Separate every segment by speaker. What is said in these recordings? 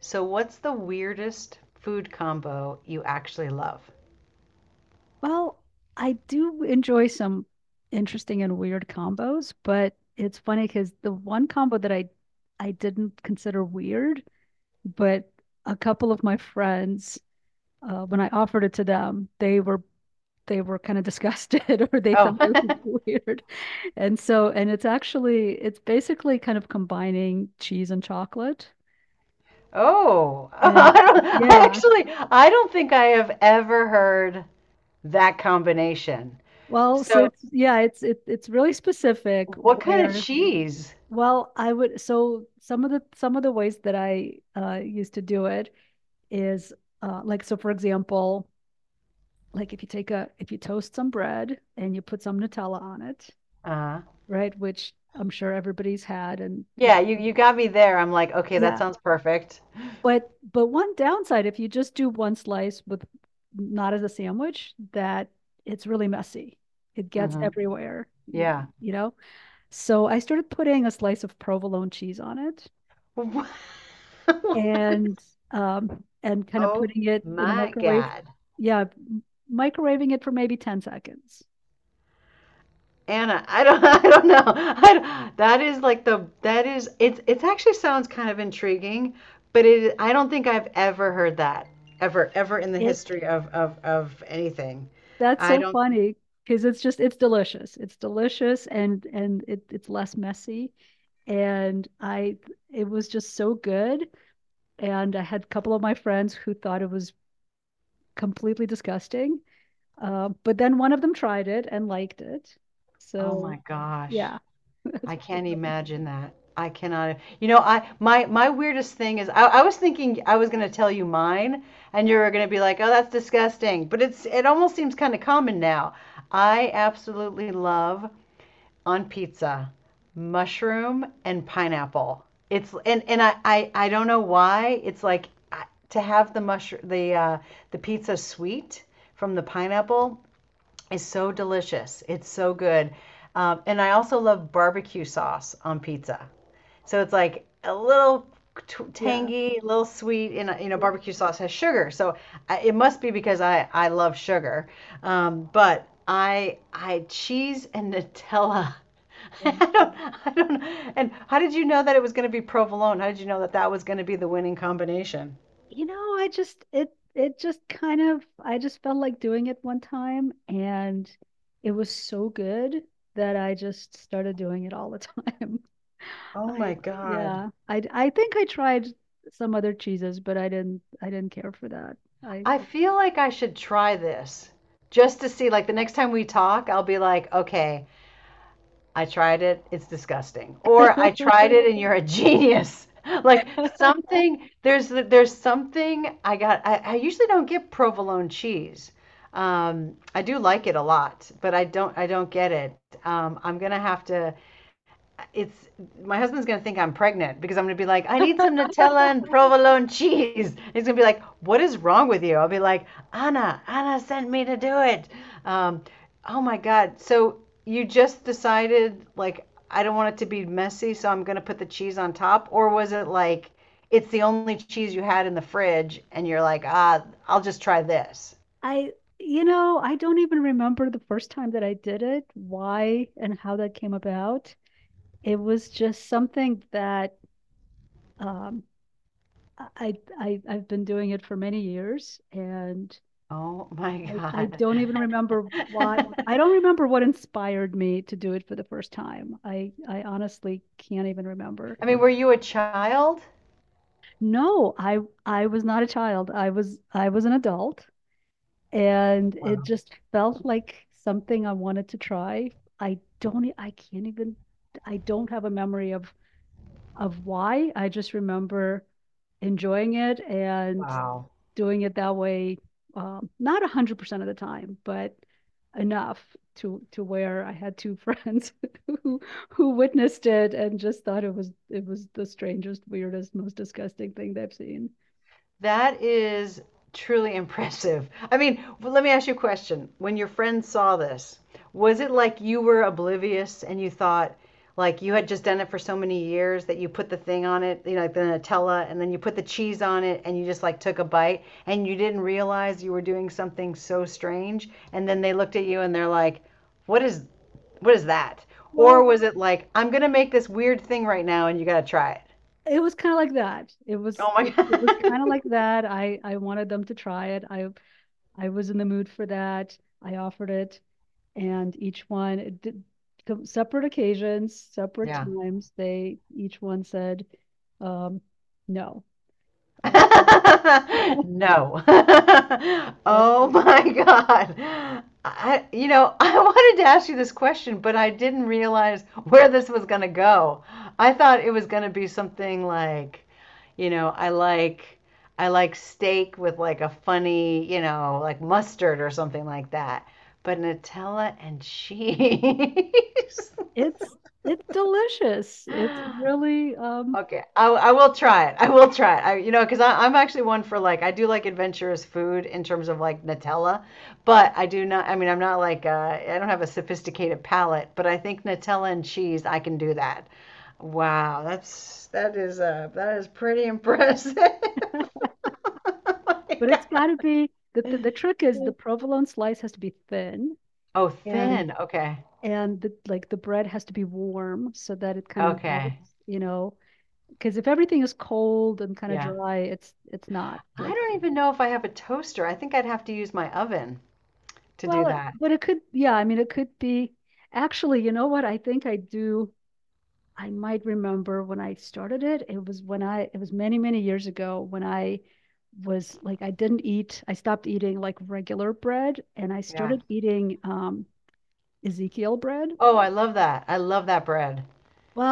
Speaker 1: So, what's the weirdest food combo you actually love?
Speaker 2: Well, I do enjoy some interesting and weird combos, but it's funny because the one combo that I didn't consider weird, but a couple of my friends, when I offered it to them, they were kind of disgusted or they thought
Speaker 1: Oh,
Speaker 2: it was weird. And it's actually it's basically kind of combining cheese and chocolate.
Speaker 1: oh, I
Speaker 2: And
Speaker 1: don't, I
Speaker 2: yeah,
Speaker 1: actually, I don't think I have ever heard that combination.
Speaker 2: so
Speaker 1: So,
Speaker 2: it's yeah, it's it, it's really specific
Speaker 1: what kind of
Speaker 2: where.
Speaker 1: cheese?
Speaker 2: Well, I would so Some of the ways that I used to do it is like so for example, like if you take a if you toast some bread and you put some Nutella on it,
Speaker 1: Uh,
Speaker 2: right, which I'm sure everybody's had, and it,
Speaker 1: yeah, you got me there. I'm like, okay, that
Speaker 2: yeah.
Speaker 1: sounds perfect.
Speaker 2: But one downside if you just do one slice, with not as a sandwich, that it's really messy. It gets
Speaker 1: hmm
Speaker 2: everywhere.
Speaker 1: Yeah.
Speaker 2: You know. So I started putting a slice of provolone cheese on it, and kind of
Speaker 1: Oh
Speaker 2: putting it in the
Speaker 1: my
Speaker 2: microwave.
Speaker 1: God.
Speaker 2: Yeah, microwaving it for maybe 10 seconds.
Speaker 1: Anna, I don't, I don't know. I don't- That is like that is, it's actually sounds kind of intriguing, but I don't think I've ever heard that ever, ever in the
Speaker 2: It
Speaker 1: history of anything.
Speaker 2: That's
Speaker 1: I
Speaker 2: so
Speaker 1: don't,
Speaker 2: funny because it's delicious. It's delicious, and it's less messy. And I It was just so good. And I had a couple of my friends who thought it was completely disgusting. But then one of them tried it and liked it.
Speaker 1: Oh
Speaker 2: So
Speaker 1: my gosh,
Speaker 2: yeah. That's
Speaker 1: I
Speaker 2: pretty
Speaker 1: can't
Speaker 2: funny.
Speaker 1: imagine that. I cannot, you know, my, my weirdest thing is I was thinking I was going to tell you mine and you were going to be like, oh, that's disgusting. But it's, it almost seems kind of common now. I absolutely love on pizza, mushroom and pineapple. It's and and I don't know why it's like to have the mushroom the pizza sweet from the pineapple is so delicious. It's so good. And I also love barbecue sauce on pizza. So it's like a little
Speaker 2: Yeah.
Speaker 1: tangy, a little sweet, and you know
Speaker 2: Yeah.
Speaker 1: barbecue sauce has sugar. So I, it must be because I love sugar. But I cheese and Nutella. I
Speaker 2: Yeah.
Speaker 1: don't, I don't know. And how did you know that it was going to be provolone? How did you know that that was going to be the winning combination?
Speaker 2: You know, I just it it just kind of, I just felt like doing it one time, and it was so good that I just started doing it all the time.
Speaker 1: Oh
Speaker 2: I
Speaker 1: my God.
Speaker 2: yeah, I think I tried some other cheeses, but I didn't care for that. I
Speaker 1: I feel like I should try this just to see. Like the next time we talk, I'll be like, okay, I tried it, it's disgusting. Or I tried it and you're a genius. Like something, there's something I got. I usually don't get provolone cheese. I do like it a lot, but I don't get it. I'm gonna have to it's my husband's gonna think I'm pregnant because I'm gonna be like, I need some Nutella and provolone cheese. And he's gonna be like, what is wrong with you? I'll be like, Anna, Anna sent me to do it. Um, oh my God. So you just decided like I don't want it to be messy, so I'm gonna put the cheese on top, or was it like it's the only cheese you had in the fridge and you're like, ah, I'll just try this.
Speaker 2: I You know, I don't even remember the first time that I did it, why and how that came about. It was just something that um I've been doing it for many years, and
Speaker 1: Oh my
Speaker 2: I
Speaker 1: God.
Speaker 2: don't even remember
Speaker 1: I
Speaker 2: why. I don't remember what inspired me to do it for the first time. I honestly can't even remember.
Speaker 1: mean, were you a child?
Speaker 2: No, I was not a child. I was an adult, and it just felt like something I wanted to try. I can't even, I don't have a memory of why. I just remember enjoying it and
Speaker 1: Wow.
Speaker 2: doing it that way, not 100% of the time, but enough to where I had two friends who who witnessed it and just thought it was, it was the strangest, weirdest, most disgusting thing they've seen.
Speaker 1: That is truly impressive. I mean, but let me ask you a question. When your friend saw this, was it like you were oblivious and you thought like you had just done it for so many years that you put the thing on it, you know, like the Nutella, and then you put the cheese on it and you just like took a bite and you didn't realize you were doing something so strange? And then they looked at you and they're like, what is what is that? Or
Speaker 2: Well,
Speaker 1: was it like, I'm gonna make this weird thing right now and you gotta try it?
Speaker 2: it was kind of like that.
Speaker 1: Oh my
Speaker 2: It was
Speaker 1: God.
Speaker 2: kind of like that. I wanted them to try it. I was in the mood for that. I offered it. And each one did, separate occasions, separate
Speaker 1: Yeah.
Speaker 2: times. They, each one said, um, no, uh,
Speaker 1: No.
Speaker 2: but
Speaker 1: Oh my God. I, you know, I wanted to ask you this question, but I didn't realize where this was going to go. I thought it was going to be something like, you know, I like steak with like a funny, you know, like mustard or something like that. But Nutella and cheese.
Speaker 2: it's it's delicious. It's really,
Speaker 1: Okay, I will try it. I will try it. I, you know, because I'm actually one for like I do like adventurous food in terms of like Nutella, but I do not. I mean, I'm not like I don't have a sophisticated palate, but I think Nutella and cheese I can do that. Wow, that's that is pretty impressive. Oh my
Speaker 2: but it's got to be the, the
Speaker 1: God.
Speaker 2: the trick is the provolone slice has to be thin,
Speaker 1: Oh,
Speaker 2: and
Speaker 1: thin. Okay,
Speaker 2: the bread has to be warm so that it kind of
Speaker 1: okay,
Speaker 2: melts, you know, because if everything is cold and kind of
Speaker 1: yeah.
Speaker 2: dry, it's not
Speaker 1: I
Speaker 2: like.
Speaker 1: don't even know if I have a toaster. I think I'd have to use my oven to
Speaker 2: Well,
Speaker 1: do that.
Speaker 2: but it could, yeah, I mean, it could be. Actually, you know what? I think I do. I might remember when I started it. It was when I, it was many, many years ago when I was like, I didn't eat, I stopped eating like regular bread and I
Speaker 1: Yeah.
Speaker 2: started eating, Ezekiel bread.
Speaker 1: Oh, I love that. I love that bread.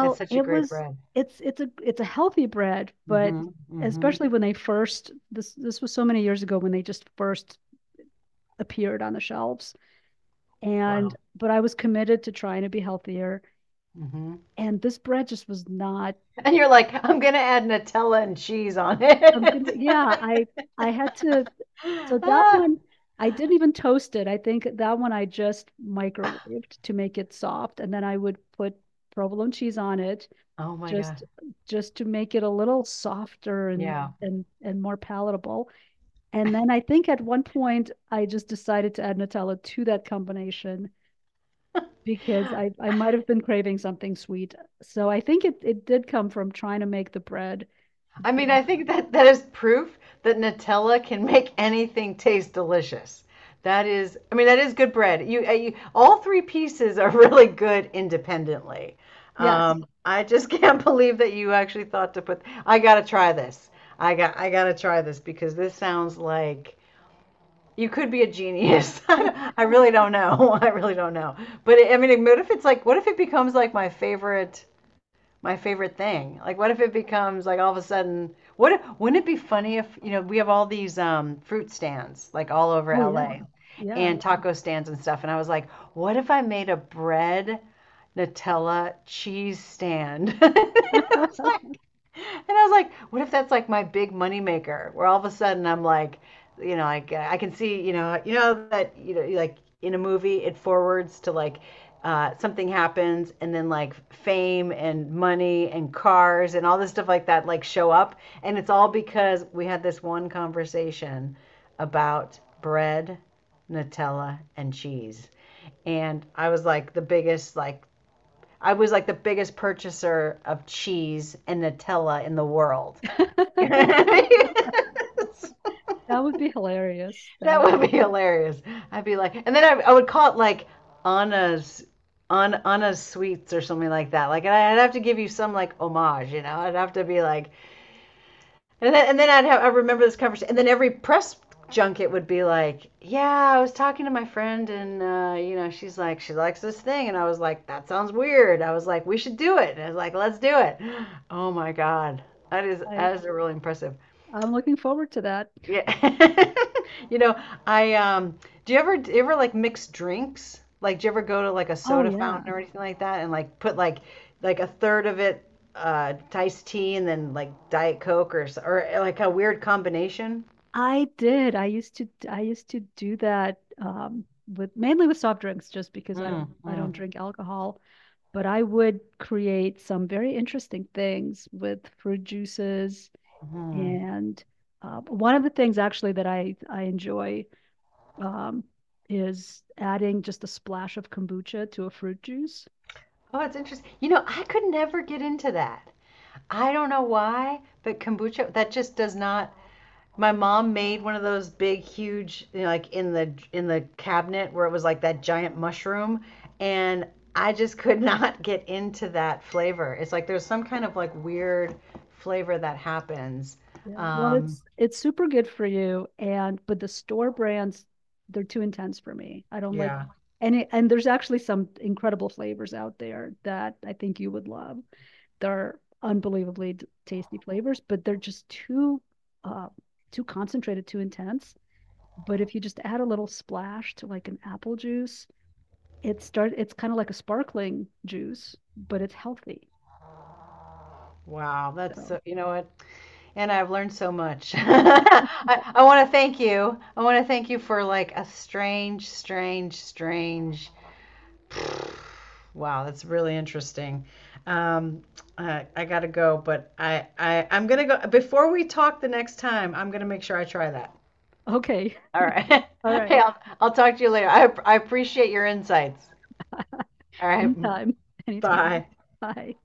Speaker 1: It's such a
Speaker 2: it
Speaker 1: great
Speaker 2: was,
Speaker 1: bread.
Speaker 2: it's a healthy bread, but
Speaker 1: hmm hmm
Speaker 2: especially when they first, this was so many years ago when they just first appeared on the shelves. And
Speaker 1: Wow.
Speaker 2: but I was committed to trying to be healthier,
Speaker 1: mm hmm
Speaker 2: and this bread just was not.
Speaker 1: And you're like, I'm gonna add Nutella and cheese on
Speaker 2: I'm gonna,
Speaker 1: it.
Speaker 2: yeah, I had to, so that
Speaker 1: Ah,
Speaker 2: one I didn't even toast. It. I think that one I just microwaved to make it soft, and then I would put provolone cheese on it,
Speaker 1: oh my
Speaker 2: just
Speaker 1: God.
Speaker 2: just to make it a little softer and
Speaker 1: Yeah.
Speaker 2: and more palatable. And then I think at one point I just decided to add Nutella to that combination, because I might have been craving something sweet. So I think it, it did come from trying to make the bread.
Speaker 1: I mean, I think that that is proof that Nutella can make anything taste delicious. That is, I mean, that is good bread. You, you all three pieces are really good independently.
Speaker 2: Yes.
Speaker 1: I just can't believe that you actually thought to put, I gotta try this. I gotta try this because this sounds like you could be a genius. I really don't know. I really don't know. But I mean, what if it's like, what if it becomes like my favorite thing? Like, what if it becomes like all of a sudden, what wouldn't it be funny if, you know, we have all these fruit stands like all over
Speaker 2: Oh yeah.
Speaker 1: LA
Speaker 2: Yeah.
Speaker 1: and taco stands and stuff. And I was like, what if I made a bread Nutella cheese stand? It's like- and I was like, what if that's like my big moneymaker, where all of a sudden I'm like, you know, like I can see, you know that you know, like in a movie, it forwards to like something happens, and then like fame and money and cars and all this stuff like that like show up, and it's all because we had this one conversation about bread, Nutella, and cheese, and I was like the biggest like I was like the biggest purchaser of cheese and Nutella in the world. That
Speaker 2: That would be hilarious. That would
Speaker 1: would be hilarious. I'd be like, and then I would call it like Anna's on Anna's sweets or something like that. Like, and I'd have to give you some like homage, you know. I'd have to be like, and then I remember this conversation, and then every press junket would be like, yeah, I was talking to my friend, and you know, she's like, she likes this thing, and I was like, that sounds weird. I was like, we should do it. And I was like, let's do it. Oh my god,
Speaker 2: I
Speaker 1: that is really impressive.
Speaker 2: I'm looking forward to that.
Speaker 1: Yeah. You know, I do you ever like mix drinks? Like do you ever go to like a
Speaker 2: Oh
Speaker 1: soda
Speaker 2: yeah.
Speaker 1: fountain or anything like that and like put like a third of it iced tea and then like Diet Coke or like a weird combination?
Speaker 2: I did. I used to do that, um, with mainly with soft drinks just because I
Speaker 1: Mm,
Speaker 2: don't I don't Mm.
Speaker 1: mm,
Speaker 2: drink alcohol, but I would create some very interesting things with fruit juices,
Speaker 1: mm.
Speaker 2: and one of the things actually that I enjoy, um, is adding just a splash of kombucha to a fruit juice.
Speaker 1: Oh, it's interesting. You know, I could never get into that. I don't know why, but kombucha that just does not. My mom made one of those big, huge, you know, like in the cabinet where it was like that giant mushroom, and I just could not get into that flavor. It's like there's some kind of like weird flavor that happens.
Speaker 2: Yeah, well,
Speaker 1: Um,
Speaker 2: it's super good for you, and but the store brands, they're too intense for me. I don't like
Speaker 1: yeah.
Speaker 2: any, and there's actually some incredible flavors out there that I think you would love. They're unbelievably tasty flavors, but they're just too, uh, too concentrated, too intense. But if you just add a little splash to like an apple juice, it's kind of like a sparkling juice, but it's healthy.
Speaker 1: Wow, that's
Speaker 2: So,
Speaker 1: so, you know what? And I've learned so much. I want to thank you. I want to thank you for like a strange, strange, strange wow, that's really interesting. Um, I gotta go, but I I'm gonna go before we talk the next time. I'm gonna make sure I try that.
Speaker 2: okay.
Speaker 1: All right.
Speaker 2: All right.
Speaker 1: Hey, I'll talk to you later. I appreciate your insights. All right.
Speaker 2: Anytime. Anytime.
Speaker 1: Bye.
Speaker 2: Bye.